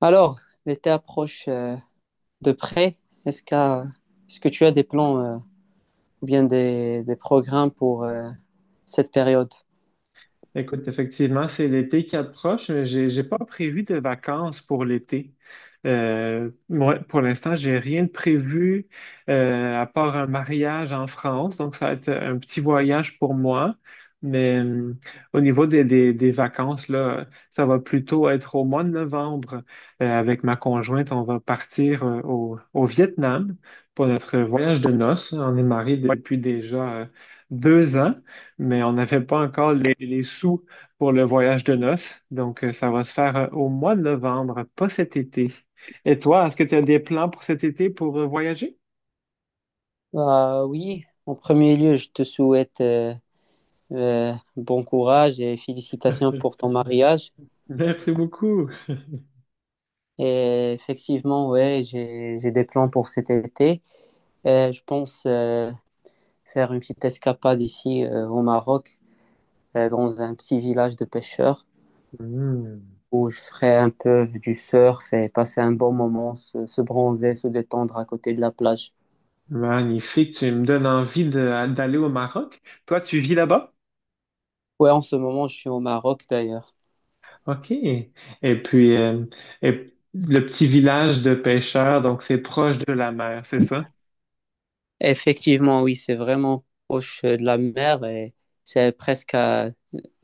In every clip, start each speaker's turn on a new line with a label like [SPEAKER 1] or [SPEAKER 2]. [SPEAKER 1] Alors, l'été approche de près. Est-ce qu'à- est-ce que tu as des plans ou bien des programmes pour cette période?
[SPEAKER 2] Écoute, effectivement, c'est l'été qui approche, mais j'ai pas prévu de vacances pour l'été. Moi, pour l'instant, j'ai rien de prévu à part un mariage en France, donc ça va être un petit voyage pour moi. Mais euh, Au niveau des vacances, là, ça va plutôt être au mois de novembre. Avec ma conjointe, on va partir au Vietnam pour notre voyage de noces. On est mariés. Ouais. Depuis déjà 2 ans, mais on n'avait pas encore les sous pour le voyage de noces. Donc, ça va se faire au mois de novembre, pas cet été. Et toi, est-ce que tu as des plans pour cet été pour voyager?
[SPEAKER 1] Bah oui, en premier lieu, je te souhaite bon courage et félicitations pour ton mariage.
[SPEAKER 2] Merci beaucoup.
[SPEAKER 1] Et effectivement, ouais, j'ai des plans pour cet été. Je pense faire une petite escapade ici au Maroc, dans un petit village de pêcheurs,
[SPEAKER 2] Hmm.
[SPEAKER 1] où je ferai un peu du surf et passer un bon moment, se bronzer, se détendre à côté de la plage.
[SPEAKER 2] Magnifique, tu me donnes envie d'aller au Maroc. Toi, tu vis là-bas?
[SPEAKER 1] Ouais, en ce moment, je suis au Maroc d'ailleurs.
[SPEAKER 2] OK. Et puis, et le petit village de pêcheurs, donc c'est proche de la mer, c'est ça?
[SPEAKER 1] Effectivement, oui, c'est vraiment proche de la mer et c'est presque à,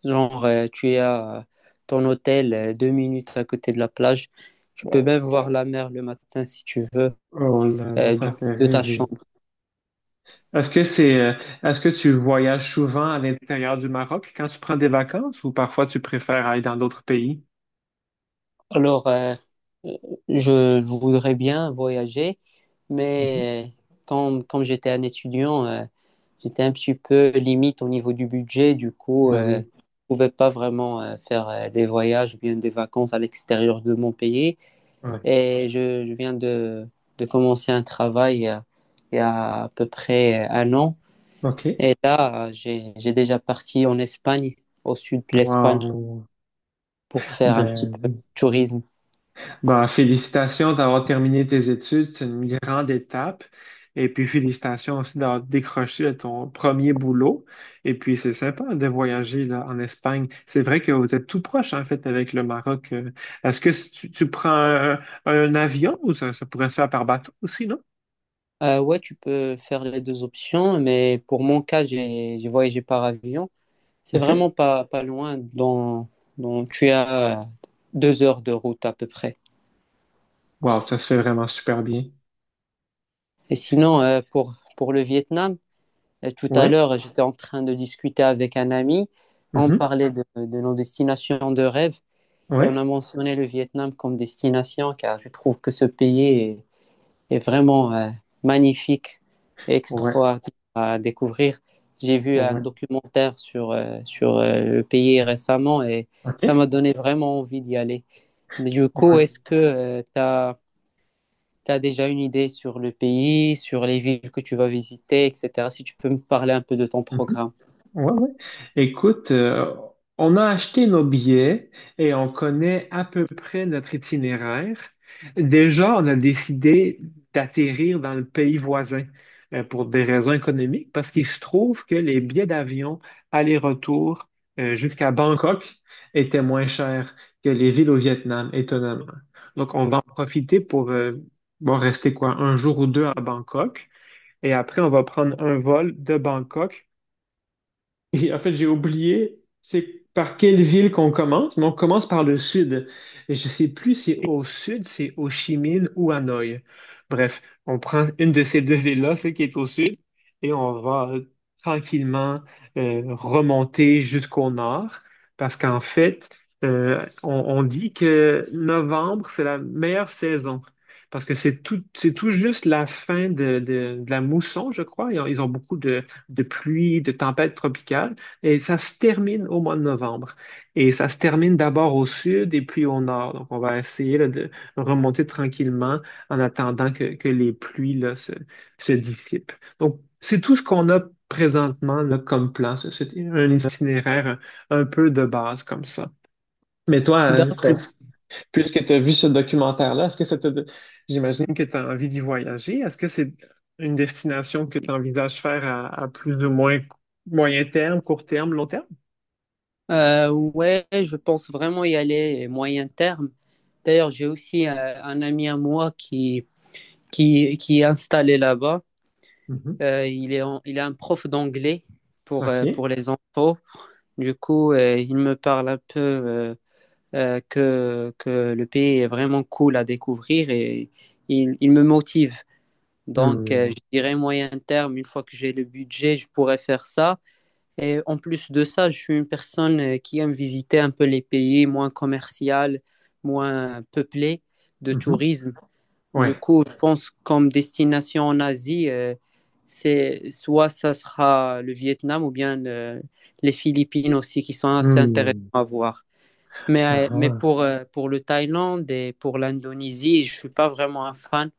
[SPEAKER 1] genre, tu es à ton hôtel deux minutes à côté de la plage. Tu peux
[SPEAKER 2] Wow.
[SPEAKER 1] même voir la mer le matin si tu veux
[SPEAKER 2] Oh là là,
[SPEAKER 1] euh, du-
[SPEAKER 2] ça fait
[SPEAKER 1] de ta
[SPEAKER 2] rêver.
[SPEAKER 1] chambre.
[SPEAKER 2] Est-ce que c'est, euh, Est-ce que tu voyages souvent à l'intérieur du Maroc quand tu prends des vacances ou parfois tu préfères aller dans d'autres pays?
[SPEAKER 1] Alors, je voudrais bien voyager,
[SPEAKER 2] Mhm.
[SPEAKER 1] mais quand j'étais un étudiant, j'étais un petit peu limite au niveau du budget, du coup,
[SPEAKER 2] Ben
[SPEAKER 1] je ne
[SPEAKER 2] oui.
[SPEAKER 1] pouvais pas vraiment faire des voyages ou bien des vacances à l'extérieur de mon pays.
[SPEAKER 2] Ouais.
[SPEAKER 1] Et je viens de commencer un travail il y a à peu près un an.
[SPEAKER 2] OK.
[SPEAKER 1] Et là, j'ai déjà parti en Espagne, au sud de l'Espagne,
[SPEAKER 2] Wow.
[SPEAKER 1] pour faire un petit peu de
[SPEAKER 2] Ben,
[SPEAKER 1] tourisme.
[SPEAKER 2] ben, félicitations d'avoir terminé tes études. C'est une grande étape. Et puis félicitations aussi d'avoir décroché ton premier boulot. Et puis c'est sympa de voyager là, en Espagne. C'est vrai que vous êtes tout proche en fait avec le Maroc. Est-ce que tu prends un avion ou ça pourrait se faire par bateau aussi, non?
[SPEAKER 1] Ouais, tu peux faire les deux options, mais pour mon cas, j'ai voyagé par avion. C'est
[SPEAKER 2] OK.
[SPEAKER 1] vraiment pas loin. Tu as deux heures de route à peu près.
[SPEAKER 2] Wow, ça se fait vraiment super bien.
[SPEAKER 1] Et sinon, pour le Vietnam, tout à
[SPEAKER 2] Ouais.
[SPEAKER 1] l'heure, j'étais en train de discuter avec un ami. On
[SPEAKER 2] Mhm.
[SPEAKER 1] parlait de nos destinations de rêve et on
[SPEAKER 2] Ouais.
[SPEAKER 1] a mentionné le Vietnam comme destination car je trouve que ce est vraiment magnifique et
[SPEAKER 2] Ouais.
[SPEAKER 1] extraordinaire à découvrir. J'ai vu un
[SPEAKER 2] Ouais.
[SPEAKER 1] documentaire sur le pays récemment et ça
[SPEAKER 2] OK.
[SPEAKER 1] m'a donné vraiment envie d'y aller. Du coup,
[SPEAKER 2] Ouais.
[SPEAKER 1] est-ce que t'as tu as déjà une idée sur le pays, sur les villes que tu vas visiter, etc. Si tu peux me parler un peu de ton
[SPEAKER 2] Mhm.
[SPEAKER 1] programme.
[SPEAKER 2] Ouais. Écoute, on a acheté nos billets et on connaît à peu près notre itinéraire. Déjà, on a décidé d'atterrir dans le pays voisin pour des raisons économiques, parce qu'il se trouve que les billets d'avion aller-retour jusqu'à Bangkok étaient moins chers que les villes au Vietnam, étonnamment. Donc, on va en profiter pour bon, rester quoi, un jour ou deux à Bangkok. Et après, on va prendre un vol de Bangkok et en fait, j'ai oublié, c'est par quelle ville qu'on commence, mais on commence par le sud. Et je sais plus si au sud, c'est Ho Chi Minh ou Hanoï. Bref, on prend une de ces deux villes-là, celle qui est au sud, et on va tranquillement remonter jusqu'au nord, parce qu'en fait, euh, on, on dit que novembre, c'est la meilleure saison. Parce que c'est tout juste la fin de la mousson, je crois. Ils ont beaucoup de pluie, de tempête tropicale, et ça se termine au mois de novembre. Et ça se termine d'abord au sud et puis au nord. Donc, on va essayer là, de remonter tranquillement en attendant que les pluies là, se dissipent. Donc, c'est tout ce qu'on a présentement là, comme plan. C'est un itinéraire un peu de base comme ça. Mais toi,
[SPEAKER 1] D'accord.
[SPEAKER 2] puisque tu as vu ce documentaire-là, est-ce que ça te... J'imagine que tu as envie d'y voyager. Est-ce que c'est une destination que tu envisages faire à plus ou moins moyen terme, court terme, long terme?
[SPEAKER 1] Ouais, je pense vraiment y aller moyen terme. D'ailleurs, j'ai aussi un ami à moi qui est installé là-bas.
[SPEAKER 2] Mhm.
[SPEAKER 1] Il est un prof d'anglais
[SPEAKER 2] OK.
[SPEAKER 1] pour les enfants. Du coup, il me parle un peu que le pays est vraiment cool à découvrir et il me motive. Donc,
[SPEAKER 2] Hmm.
[SPEAKER 1] je dirais moyen terme, une fois que j'ai le budget, je pourrais faire ça. Et en plus de ça, je suis une personne qui aime visiter un peu les pays moins commerciaux, moins peuplés de
[SPEAKER 2] Mhm.
[SPEAKER 1] tourisme. Du
[SPEAKER 2] Ouais.
[SPEAKER 1] coup, je pense comme destination en Asie, c'est soit ça sera le Vietnam ou bien les Philippines aussi, qui sont assez intéressants
[SPEAKER 2] Hmm.
[SPEAKER 1] à voir. Mais,
[SPEAKER 2] Ah
[SPEAKER 1] pour le Thaïlande et pour l'Indonésie, je suis pas vraiment un fan,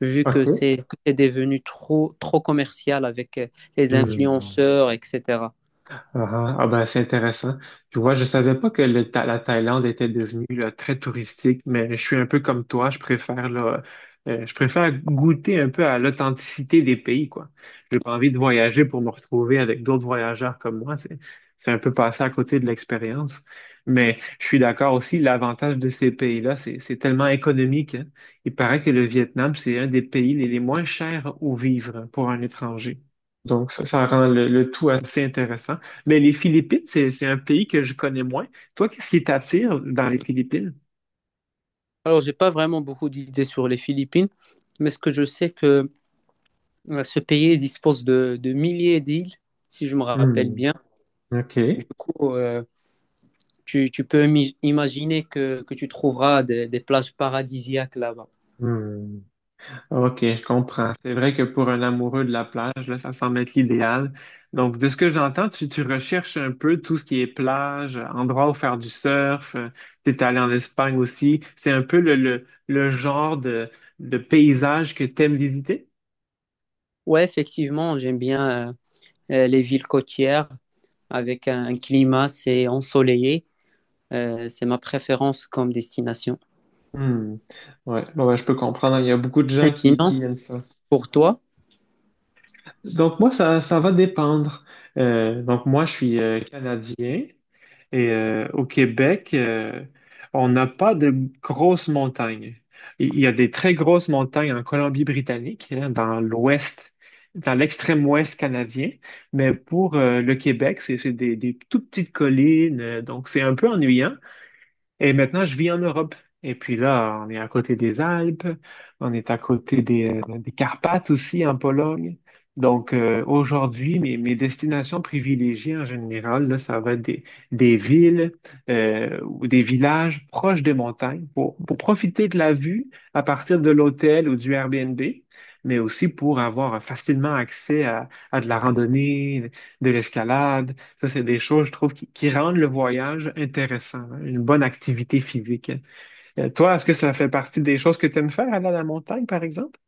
[SPEAKER 1] vu
[SPEAKER 2] ah.
[SPEAKER 1] que
[SPEAKER 2] OK.
[SPEAKER 1] c'est devenu trop commercial avec les
[SPEAKER 2] Hmm.
[SPEAKER 1] influenceurs, etc.
[SPEAKER 2] Ah, ah, ben, c'est intéressant. Tu vois, je savais pas que la Thaïlande était devenue là, très touristique, mais je suis un peu comme toi, je préfère là, je préfère goûter un peu à l'authenticité des pays, quoi. J'ai pas envie de voyager pour me retrouver avec d'autres voyageurs comme moi. C'est un peu passer à côté de l'expérience. Mais je suis d'accord aussi, l'avantage de ces pays-là, c'est tellement économique, hein. Il paraît que le Vietnam, c'est un des pays les moins chers où vivre pour un étranger. Donc, ça rend le tout assez intéressant. Mais les Philippines, c'est un pays que je connais moins. Toi, qu'est-ce qui t'attire dans les Philippines?
[SPEAKER 1] Alors, j'ai pas vraiment beaucoup d'idées sur les Philippines, mais ce que je sais que ce pays dispose de milliers d'îles, si je me rappelle
[SPEAKER 2] Hmm,
[SPEAKER 1] bien. Du
[SPEAKER 2] OK.
[SPEAKER 1] coup, tu peux imaginer que tu trouveras des plages paradisiaques là-bas.
[SPEAKER 2] Hmm. OK, je comprends. C'est vrai que pour un amoureux de la plage, là, ça semble être l'idéal. Donc, de ce que j'entends, tu recherches un peu tout ce qui est plage, endroit où faire du surf. Tu es allé en Espagne aussi. C'est un peu le genre de paysage que tu aimes visiter?
[SPEAKER 1] Ouais, effectivement, j'aime bien les villes côtières avec un climat, c'est ensoleillé. C'est ma préférence comme destination.
[SPEAKER 2] Hmm. Ouais, bon, ben, je peux comprendre. Il y a beaucoup de
[SPEAKER 1] Et
[SPEAKER 2] gens
[SPEAKER 1] sinon,
[SPEAKER 2] qui aiment ça.
[SPEAKER 1] pour toi?
[SPEAKER 2] Donc moi, ça va dépendre. Donc moi, je suis Canadien et au Québec, on n'a pas de grosses montagnes. Il y a des très grosses montagnes en Colombie-Britannique, hein, dans l'ouest, dans l'extrême ouest canadien, mais pour le Québec, c'est des toutes petites collines, donc c'est un peu ennuyant. Et maintenant, je vis en Europe. Et puis là, on est à côté des Alpes, on est à côté des Carpates aussi en Pologne. Donc aujourd'hui, mes destinations privilégiées en général, là, ça va être des villes ou des villages proches des montagnes pour profiter de la vue à partir de l'hôtel ou du Airbnb, mais aussi pour avoir facilement accès à de la randonnée, de l'escalade. Ça, c'est des choses, je trouve, qui rendent le voyage intéressant, hein, une bonne activité physique. Toi, est-ce que ça fait partie des choses que tu aimes faire, aller à la montagne, par exemple?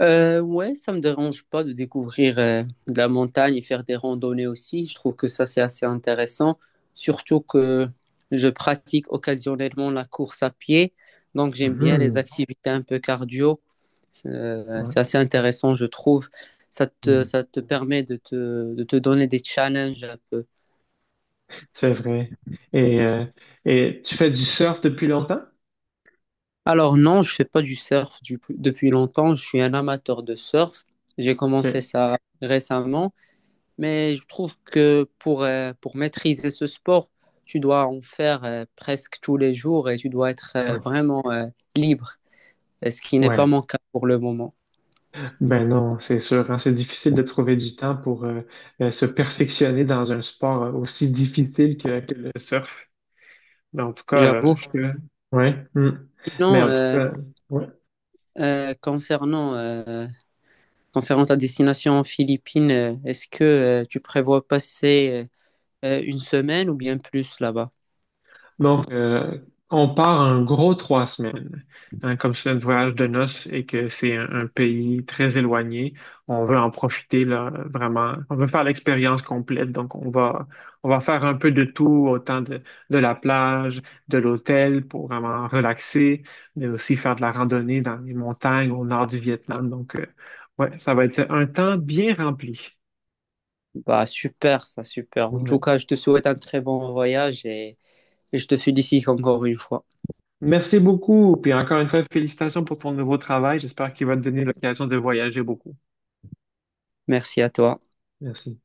[SPEAKER 1] Ouais, ça me dérange pas de découvrir de la montagne et faire des randonnées aussi. Je trouve que ça, c'est assez intéressant, surtout que je pratique occasionnellement la course à pied, donc j'aime bien les
[SPEAKER 2] Mhm.
[SPEAKER 1] activités un peu cardio.
[SPEAKER 2] Ouais.
[SPEAKER 1] C'est assez intéressant, je trouve.
[SPEAKER 2] Mhm.
[SPEAKER 1] Ça te permet de de te donner des challenges un peu.
[SPEAKER 2] C'est vrai. Et, euh, et tu fais du surf depuis longtemps?
[SPEAKER 1] Alors non, je fais pas du surf depuis longtemps. Je suis un amateur de surf. J'ai commencé
[SPEAKER 2] OK.
[SPEAKER 1] ça récemment. Mais je trouve que pour maîtriser ce sport, tu dois en faire presque tous les jours et tu dois être
[SPEAKER 2] Ouais.
[SPEAKER 1] vraiment libre, ce qui n'est pas
[SPEAKER 2] Ouais.
[SPEAKER 1] mon cas pour le moment.
[SPEAKER 2] Ben non, c'est sûr, hein. C'est difficile de trouver du temps pour se perfectionner dans un sport aussi difficile que le surf. Mais en tout cas,
[SPEAKER 1] J'avoue.
[SPEAKER 2] je... ouais. Hmm. Mais
[SPEAKER 1] Sinon,
[SPEAKER 2] en tout cas, ouais.
[SPEAKER 1] euh, concernant, euh, concernant ta destination en Philippines, est-ce que tu prévois passer une semaine ou bien plus là-bas?
[SPEAKER 2] Donc, on part un gros 3 semaines. Hein, comme c'est un voyage de noces et que c'est un pays très éloigné, on veut en profiter là, vraiment. On veut faire l'expérience complète. Donc, on va faire un peu de tout, autant de la plage, de l'hôtel pour vraiment relaxer, mais aussi faire de la randonnée dans les montagnes au nord du Vietnam. Donc, ouais, ça va être un temps bien rempli.
[SPEAKER 1] Bah, super, ça, super. En tout cas, je te souhaite un très bon voyage et je te félicite encore une fois.
[SPEAKER 2] Merci beaucoup. Puis encore une fois, félicitations pour ton nouveau travail. J'espère qu'il va te donner l'occasion de voyager beaucoup.
[SPEAKER 1] Merci à toi.
[SPEAKER 2] Merci.